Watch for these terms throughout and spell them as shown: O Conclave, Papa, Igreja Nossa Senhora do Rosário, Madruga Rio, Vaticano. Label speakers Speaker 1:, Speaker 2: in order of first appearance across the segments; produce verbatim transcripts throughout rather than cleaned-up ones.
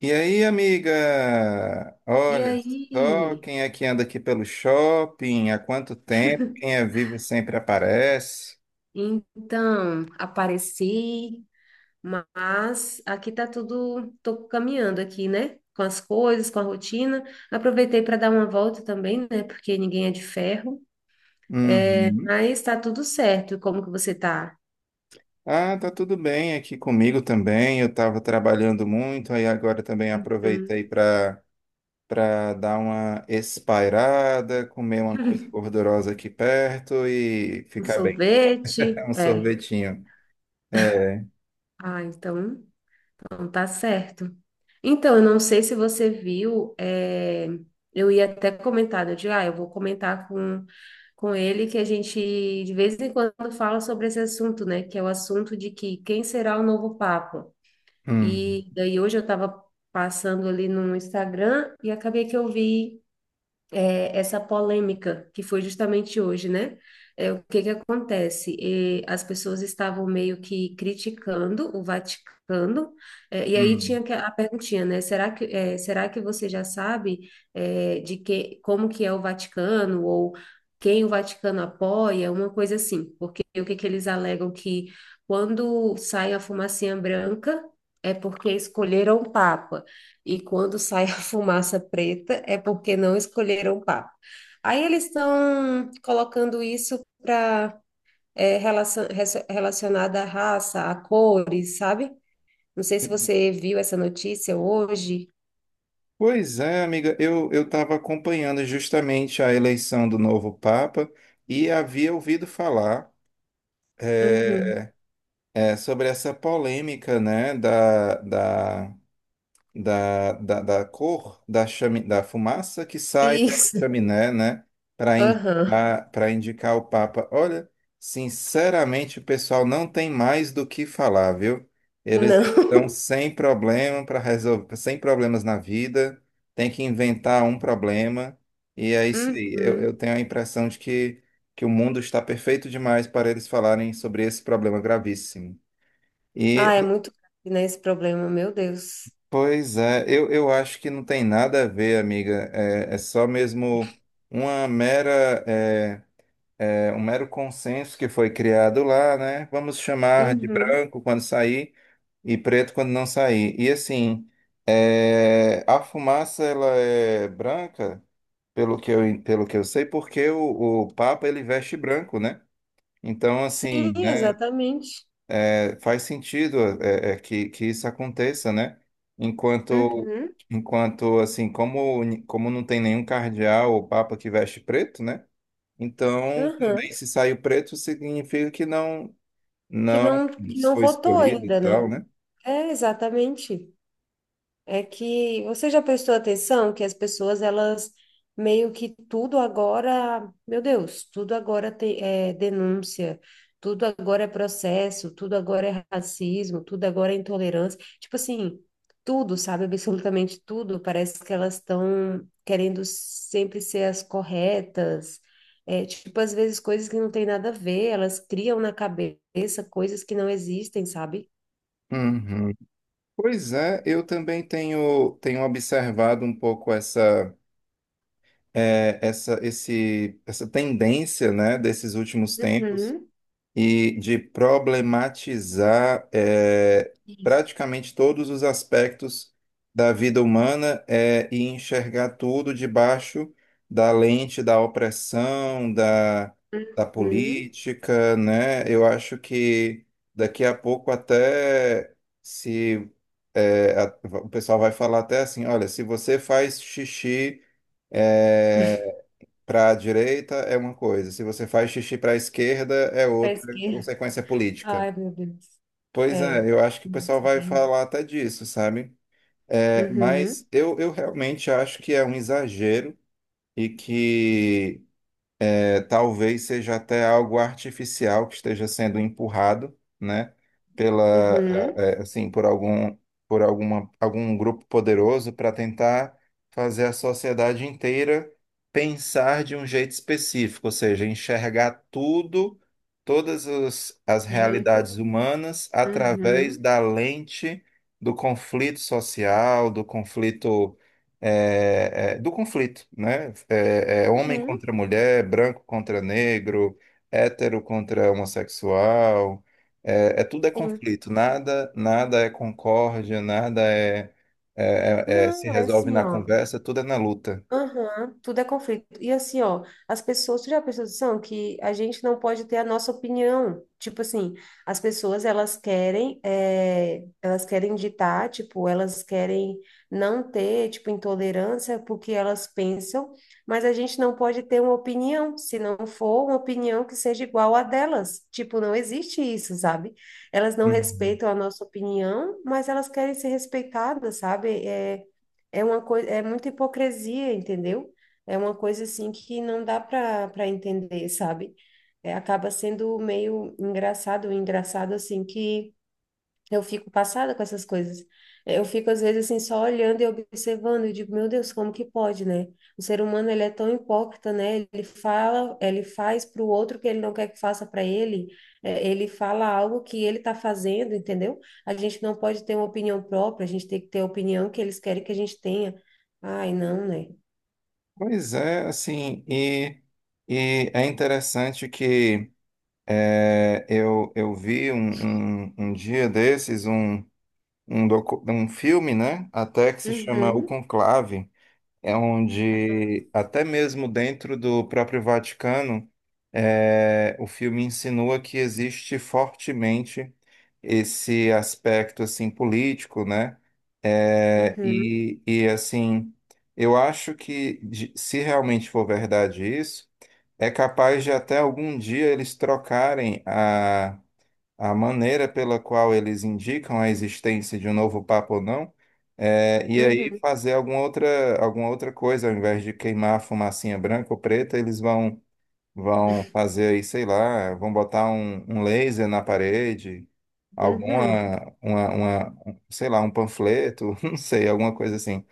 Speaker 1: E aí, amiga?
Speaker 2: E
Speaker 1: Olha só
Speaker 2: aí?
Speaker 1: quem é que anda aqui pelo shopping, há quanto tempo? Quem é vivo sempre aparece.
Speaker 2: Então, apareci, mas aqui tá tudo, tô caminhando aqui, né? Com as coisas, com a rotina. Aproveitei para dar uma volta também, né? Porque ninguém é de ferro. É,
Speaker 1: Uhum.
Speaker 2: mas tá tudo certo. E como que você tá?
Speaker 1: Ah, tá tudo bem aqui comigo também. Eu estava trabalhando muito, aí agora também aproveitei
Speaker 2: Hum,
Speaker 1: para para dar uma espairada, comer uma coisa gordurosa aqui perto e
Speaker 2: um
Speaker 1: ficar bem. É,
Speaker 2: sorvete?
Speaker 1: um
Speaker 2: É.
Speaker 1: sorvetinho. É.
Speaker 2: Ah, então. Não tá certo. Então, eu não sei se você viu, é, eu ia até comentar, né, eu digo, ah, eu vou comentar com, com ele que a gente de vez em quando fala sobre esse assunto, né? Que é o assunto de que quem será o novo Papa?
Speaker 1: Uhum.
Speaker 2: E daí hoje eu estava passando ali no Instagram e acabei que eu vi, é, essa polêmica que foi justamente hoje, né? É, o que que acontece? E as pessoas estavam meio que criticando o Vaticano, é, e aí
Speaker 1: Uhum.
Speaker 2: tinha que- a perguntinha, né? Será que, é, será que você já sabe, é, de que, como que é o Vaticano ou quem o Vaticano apoia, uma coisa assim? Porque o que que eles alegam que quando sai a fumacinha branca é porque escolheram o Papa e quando sai a fumaça preta é porque não escolheram papo. Aí eles estão colocando isso para relacionada à raça, a cores, sabe? Não sei se você viu essa notícia hoje.
Speaker 1: Pois é, amiga, eu eu estava acompanhando justamente a eleição do novo Papa e havia ouvido falar
Speaker 2: Uhum.
Speaker 1: eh, eh, sobre essa polêmica, né, da, da da, da, da cor da, chami, da fumaça que sai pela
Speaker 2: Isso.
Speaker 1: chaminé, né? Para
Speaker 2: Aham.
Speaker 1: indicar, para indicar o Papa. Olha, sinceramente, o pessoal não tem mais do que falar, viu? Eles
Speaker 2: Não.
Speaker 1: estão sem problema para resolver, sem problemas na vida, tem que inventar um problema, e é isso aí. Eu, eu
Speaker 2: Uhum.
Speaker 1: tenho a impressão de que, que o mundo está perfeito demais para eles falarem sobre esse problema gravíssimo. E
Speaker 2: Ah, é muito grave, né, esse problema, meu Deus.
Speaker 1: pois é, eu, eu acho que não tem nada a ver, amiga. É, é só mesmo uma mera, é, é, um mero consenso que foi criado lá, né? Vamos chamar de
Speaker 2: Uhum.
Speaker 1: branco quando sair e preto quando não sair. E assim, é, a fumaça ela é branca, pelo que eu, pelo que eu sei, porque o, o Papa ele veste branco, né? Então,
Speaker 2: Sim,
Speaker 1: assim, né?
Speaker 2: exatamente.
Speaker 1: É, faz sentido é, é, é que, que isso aconteça, né? Enquanto,
Speaker 2: Uhum.
Speaker 1: enquanto assim, como, ni- como não tem nenhum cardeal ou papa que veste preto, né? Então, também
Speaker 2: Aham.
Speaker 1: se saiu preto, significa que não,
Speaker 2: Que
Speaker 1: não
Speaker 2: não, que não
Speaker 1: foi
Speaker 2: votou
Speaker 1: escolhido e
Speaker 2: ainda, né?
Speaker 1: tal, né?
Speaker 2: É, exatamente. É que você já prestou atenção que as pessoas, elas meio que tudo agora, meu Deus, tudo agora tem, é denúncia, tudo agora é processo, tudo agora é racismo, tudo agora é intolerância. Tipo assim, tudo, sabe? Absolutamente tudo. Parece que elas estão querendo sempre ser as corretas. É, tipo, às vezes coisas que não tem nada a ver, elas criam na cabeça coisas que não existem, sabe?
Speaker 1: Uhum. Pois é, eu também tenho, tenho observado um pouco essa, é, essa, esse, essa tendência, né, desses últimos tempos
Speaker 2: Uhum.
Speaker 1: e de problematizar eh,
Speaker 2: Isso.
Speaker 1: praticamente todos os aspectos da vida humana eh, e enxergar tudo debaixo da lente da opressão, da, da
Speaker 2: Uhum.
Speaker 1: política, né? Eu acho que daqui a pouco até se eh, a- o pessoal vai falar até assim, olha, se você faz xixi eh, para a direita é uma coisa, se você faz xixi para a esquerda é
Speaker 2: Faz o
Speaker 1: outra
Speaker 2: quê?
Speaker 1: consequência política.
Speaker 2: Ai, meu Deus.
Speaker 1: Pois
Speaker 2: É.
Speaker 1: é, eu acho que o pessoal
Speaker 2: Nossa,
Speaker 1: vai
Speaker 2: bem.
Speaker 1: falar até disso, sabe? É,
Speaker 2: Uhum.
Speaker 1: mas eu, eu realmente acho que é um exagero e que é, talvez seja até algo artificial que esteja sendo empurrado, né, pela,
Speaker 2: Uhum.
Speaker 1: eh, eh, assim, por algum, por alguma, algum grupo poderoso para tentar fazer a sociedade inteira pensar de um jeito específico, ou seja, enxergar tudo, todas as, as
Speaker 2: Jeito.
Speaker 1: realidades humanas através
Speaker 2: Uhum.
Speaker 1: da lente do conflito social, do conflito é, é, do conflito, né? É, é homem
Speaker 2: Uhum.
Speaker 1: contra mulher, branco contra negro, hétero contra homossexual, é, é tudo é
Speaker 2: Sim.
Speaker 1: conflito, nada, nada é concórdia, nada é, é- é- é- se
Speaker 2: Não, é
Speaker 1: resolve
Speaker 2: assim,
Speaker 1: na
Speaker 2: ó.
Speaker 1: conversa, tudo é na luta.
Speaker 2: Aham, tudo é conflito. E assim, ó, as pessoas, tu já prestou atenção que a gente não pode ter a nossa opinião. Tipo assim, as pessoas, elas querem, é elas querem ditar, tipo, elas querem não ter, tipo, intolerância porque elas pensam, mas a gente não pode ter uma opinião, se não for uma opinião que seja igual à delas. Tipo, não existe isso, sabe? Elas não
Speaker 1: Uhum.
Speaker 2: respeitam a nossa opinião, mas elas querem ser respeitadas, sabe? É, é uma coisa, é muita hipocrisia, entendeu? É uma coisa assim que não dá para para entender, sabe? É, acaba sendo meio engraçado, engraçado assim que eu fico passada com essas coisas. Eu fico, às vezes, assim, só olhando e observando. Eu digo, meu Deus, como que pode, né? O ser humano, ele é tão hipócrita, né? Ele fala, ele faz para o outro o que ele não quer que faça para ele. É, ele fala algo que ele está fazendo, entendeu? A gente não pode ter uma opinião própria, a gente tem que ter a opinião que eles querem que a gente tenha. Ai, não, né?
Speaker 1: Pois é, assim, e, e é interessante que é, eu, eu vi um, um, um dia desses um, um, docu- um filme, né, até que se chama O
Speaker 2: Uhum,
Speaker 1: Conclave, é onde até mesmo dentro do próprio Vaticano, é, o filme insinua que existe fortemente esse aspecto assim político, né? É,
Speaker 2: uhum,
Speaker 1: e, e assim, eu acho que de- se realmente for verdade isso, é capaz de até algum dia eles trocarem a maneira pela qual eles indicam a existência de um novo Papa ou não, é, e aí
Speaker 2: uhum,
Speaker 1: fazer alguma outra, alguma outra coisa, ao invés de queimar a fumacinha branca ou preta, eles vão vão fazer aí, sei lá, vão botar um, um laser na parede,
Speaker 2: uhum.
Speaker 1: alguma, uma, uma- um- sei lá, um panfleto, não sei, alguma coisa assim.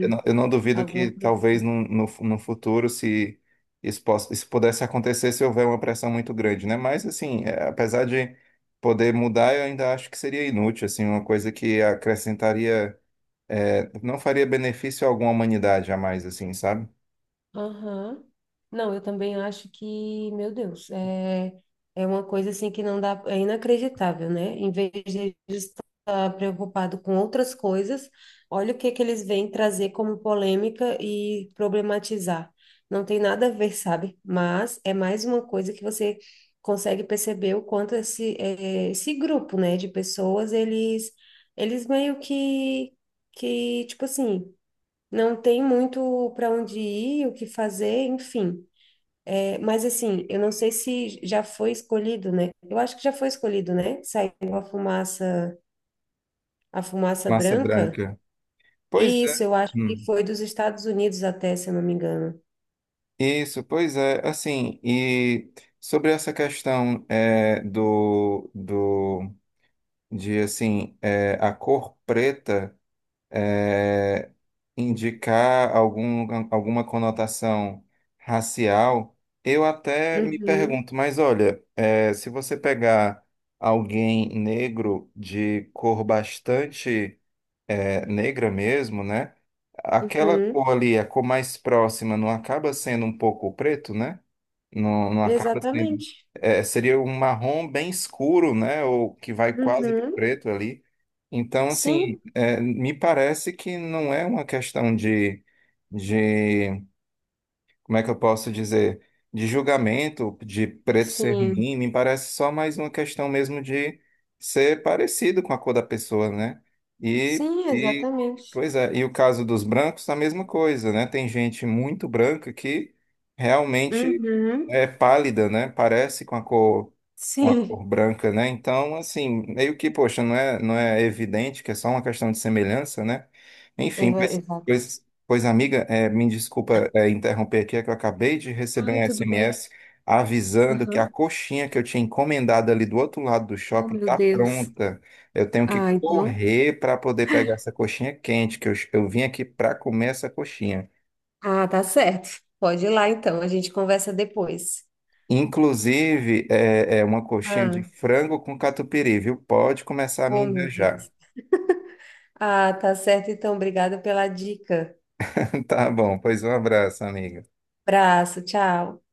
Speaker 1: Eu não, eu não duvido que
Speaker 2: alguma coisa
Speaker 1: talvez
Speaker 2: assim.
Speaker 1: no, no, no futuro, se isso, possa, isso pudesse acontecer, se houver uma pressão muito grande, né? Mas, assim, é, apesar de poder mudar, eu ainda acho que seria inútil, assim, uma coisa que acrescentaria, é, não faria benefício algum à humanidade jamais, assim, sabe?
Speaker 2: Aham. Não, eu também acho que, meu Deus, é, é uma coisa assim que não dá, é inacreditável, né? Em vez de eles estar preocupado com outras coisas, olha o que é que eles vêm trazer como polêmica e problematizar. Não tem nada a ver, sabe? Mas é mais uma coisa que você consegue perceber o quanto esse, é, esse grupo, né, de pessoas, eles, eles meio que, que, tipo assim, não tem muito para onde ir, o que fazer, enfim. É, mas assim, eu não sei se já foi escolhido, né? Eu acho que já foi escolhido, né? Saiu a fumaça, a fumaça
Speaker 1: Massa
Speaker 2: branca.
Speaker 1: branca. Pois é.
Speaker 2: Isso, eu acho que
Speaker 1: Hum.
Speaker 2: foi dos Estados Unidos até, se eu não me engano.
Speaker 1: Isso, pois é, assim, e sobre essa questão é, do, do, de, assim, é, a cor preta é, indicar algum, alguma conotação racial, eu até me
Speaker 2: Uhum,
Speaker 1: pergunto, mas olha, é, se você pegar alguém negro de cor bastante é, negra mesmo, né? Aquela
Speaker 2: uhum,
Speaker 1: cor ali, a cor mais próxima, não acaba sendo um pouco preto, né? Não, não acaba sendo.
Speaker 2: exatamente.
Speaker 1: É, seria um marrom bem escuro, né? Ou que vai quase de
Speaker 2: Uhum,
Speaker 1: preto ali. Então,
Speaker 2: sim,
Speaker 1: assim, é, me parece que não é uma questão de, de como é que eu posso dizer, de julgamento, de preto ser
Speaker 2: sim,
Speaker 1: ruim, me parece só mais uma questão mesmo de ser parecido com a cor da pessoa, né? E,
Speaker 2: sim,
Speaker 1: e
Speaker 2: exatamente.
Speaker 1: pois é, e o caso dos brancos, a mesma coisa, né? Tem gente muito branca que realmente
Speaker 2: Uhum,
Speaker 1: é pálida, né? Parece com a cor, com a cor
Speaker 2: sim,
Speaker 1: branca, né? Então, assim, meio que, poxa, não é, não é evidente que é só uma questão de semelhança, né? Enfim,
Speaker 2: eu-
Speaker 1: pois,
Speaker 2: exato.
Speaker 1: pois, pois amiga, eh, me desculpa, eh, interromper aqui, é que eu acabei de receber
Speaker 2: Ai,
Speaker 1: um
Speaker 2: tudo bem.
Speaker 1: S M S avisando que a
Speaker 2: Uhum.
Speaker 1: coxinha que eu tinha encomendado ali do outro lado do
Speaker 2: Oh,
Speaker 1: shopping
Speaker 2: meu
Speaker 1: está
Speaker 2: Deus.
Speaker 1: pronta. Eu tenho que
Speaker 2: Ah, então.
Speaker 1: correr para poder pegar essa coxinha quente, que eu, eu vim aqui para comer essa coxinha.
Speaker 2: Ah, tá certo. Pode ir lá então, a gente conversa depois.
Speaker 1: Inclusive, é, é uma coxinha de
Speaker 2: Ah,
Speaker 1: frango com catupiry, viu? Pode começar a me
Speaker 2: oh meu
Speaker 1: invejar.
Speaker 2: Deus. Ah, tá certo então, obrigada pela dica.
Speaker 1: Tá bom, pois um abraço, amiga.
Speaker 2: Abraço, tchau.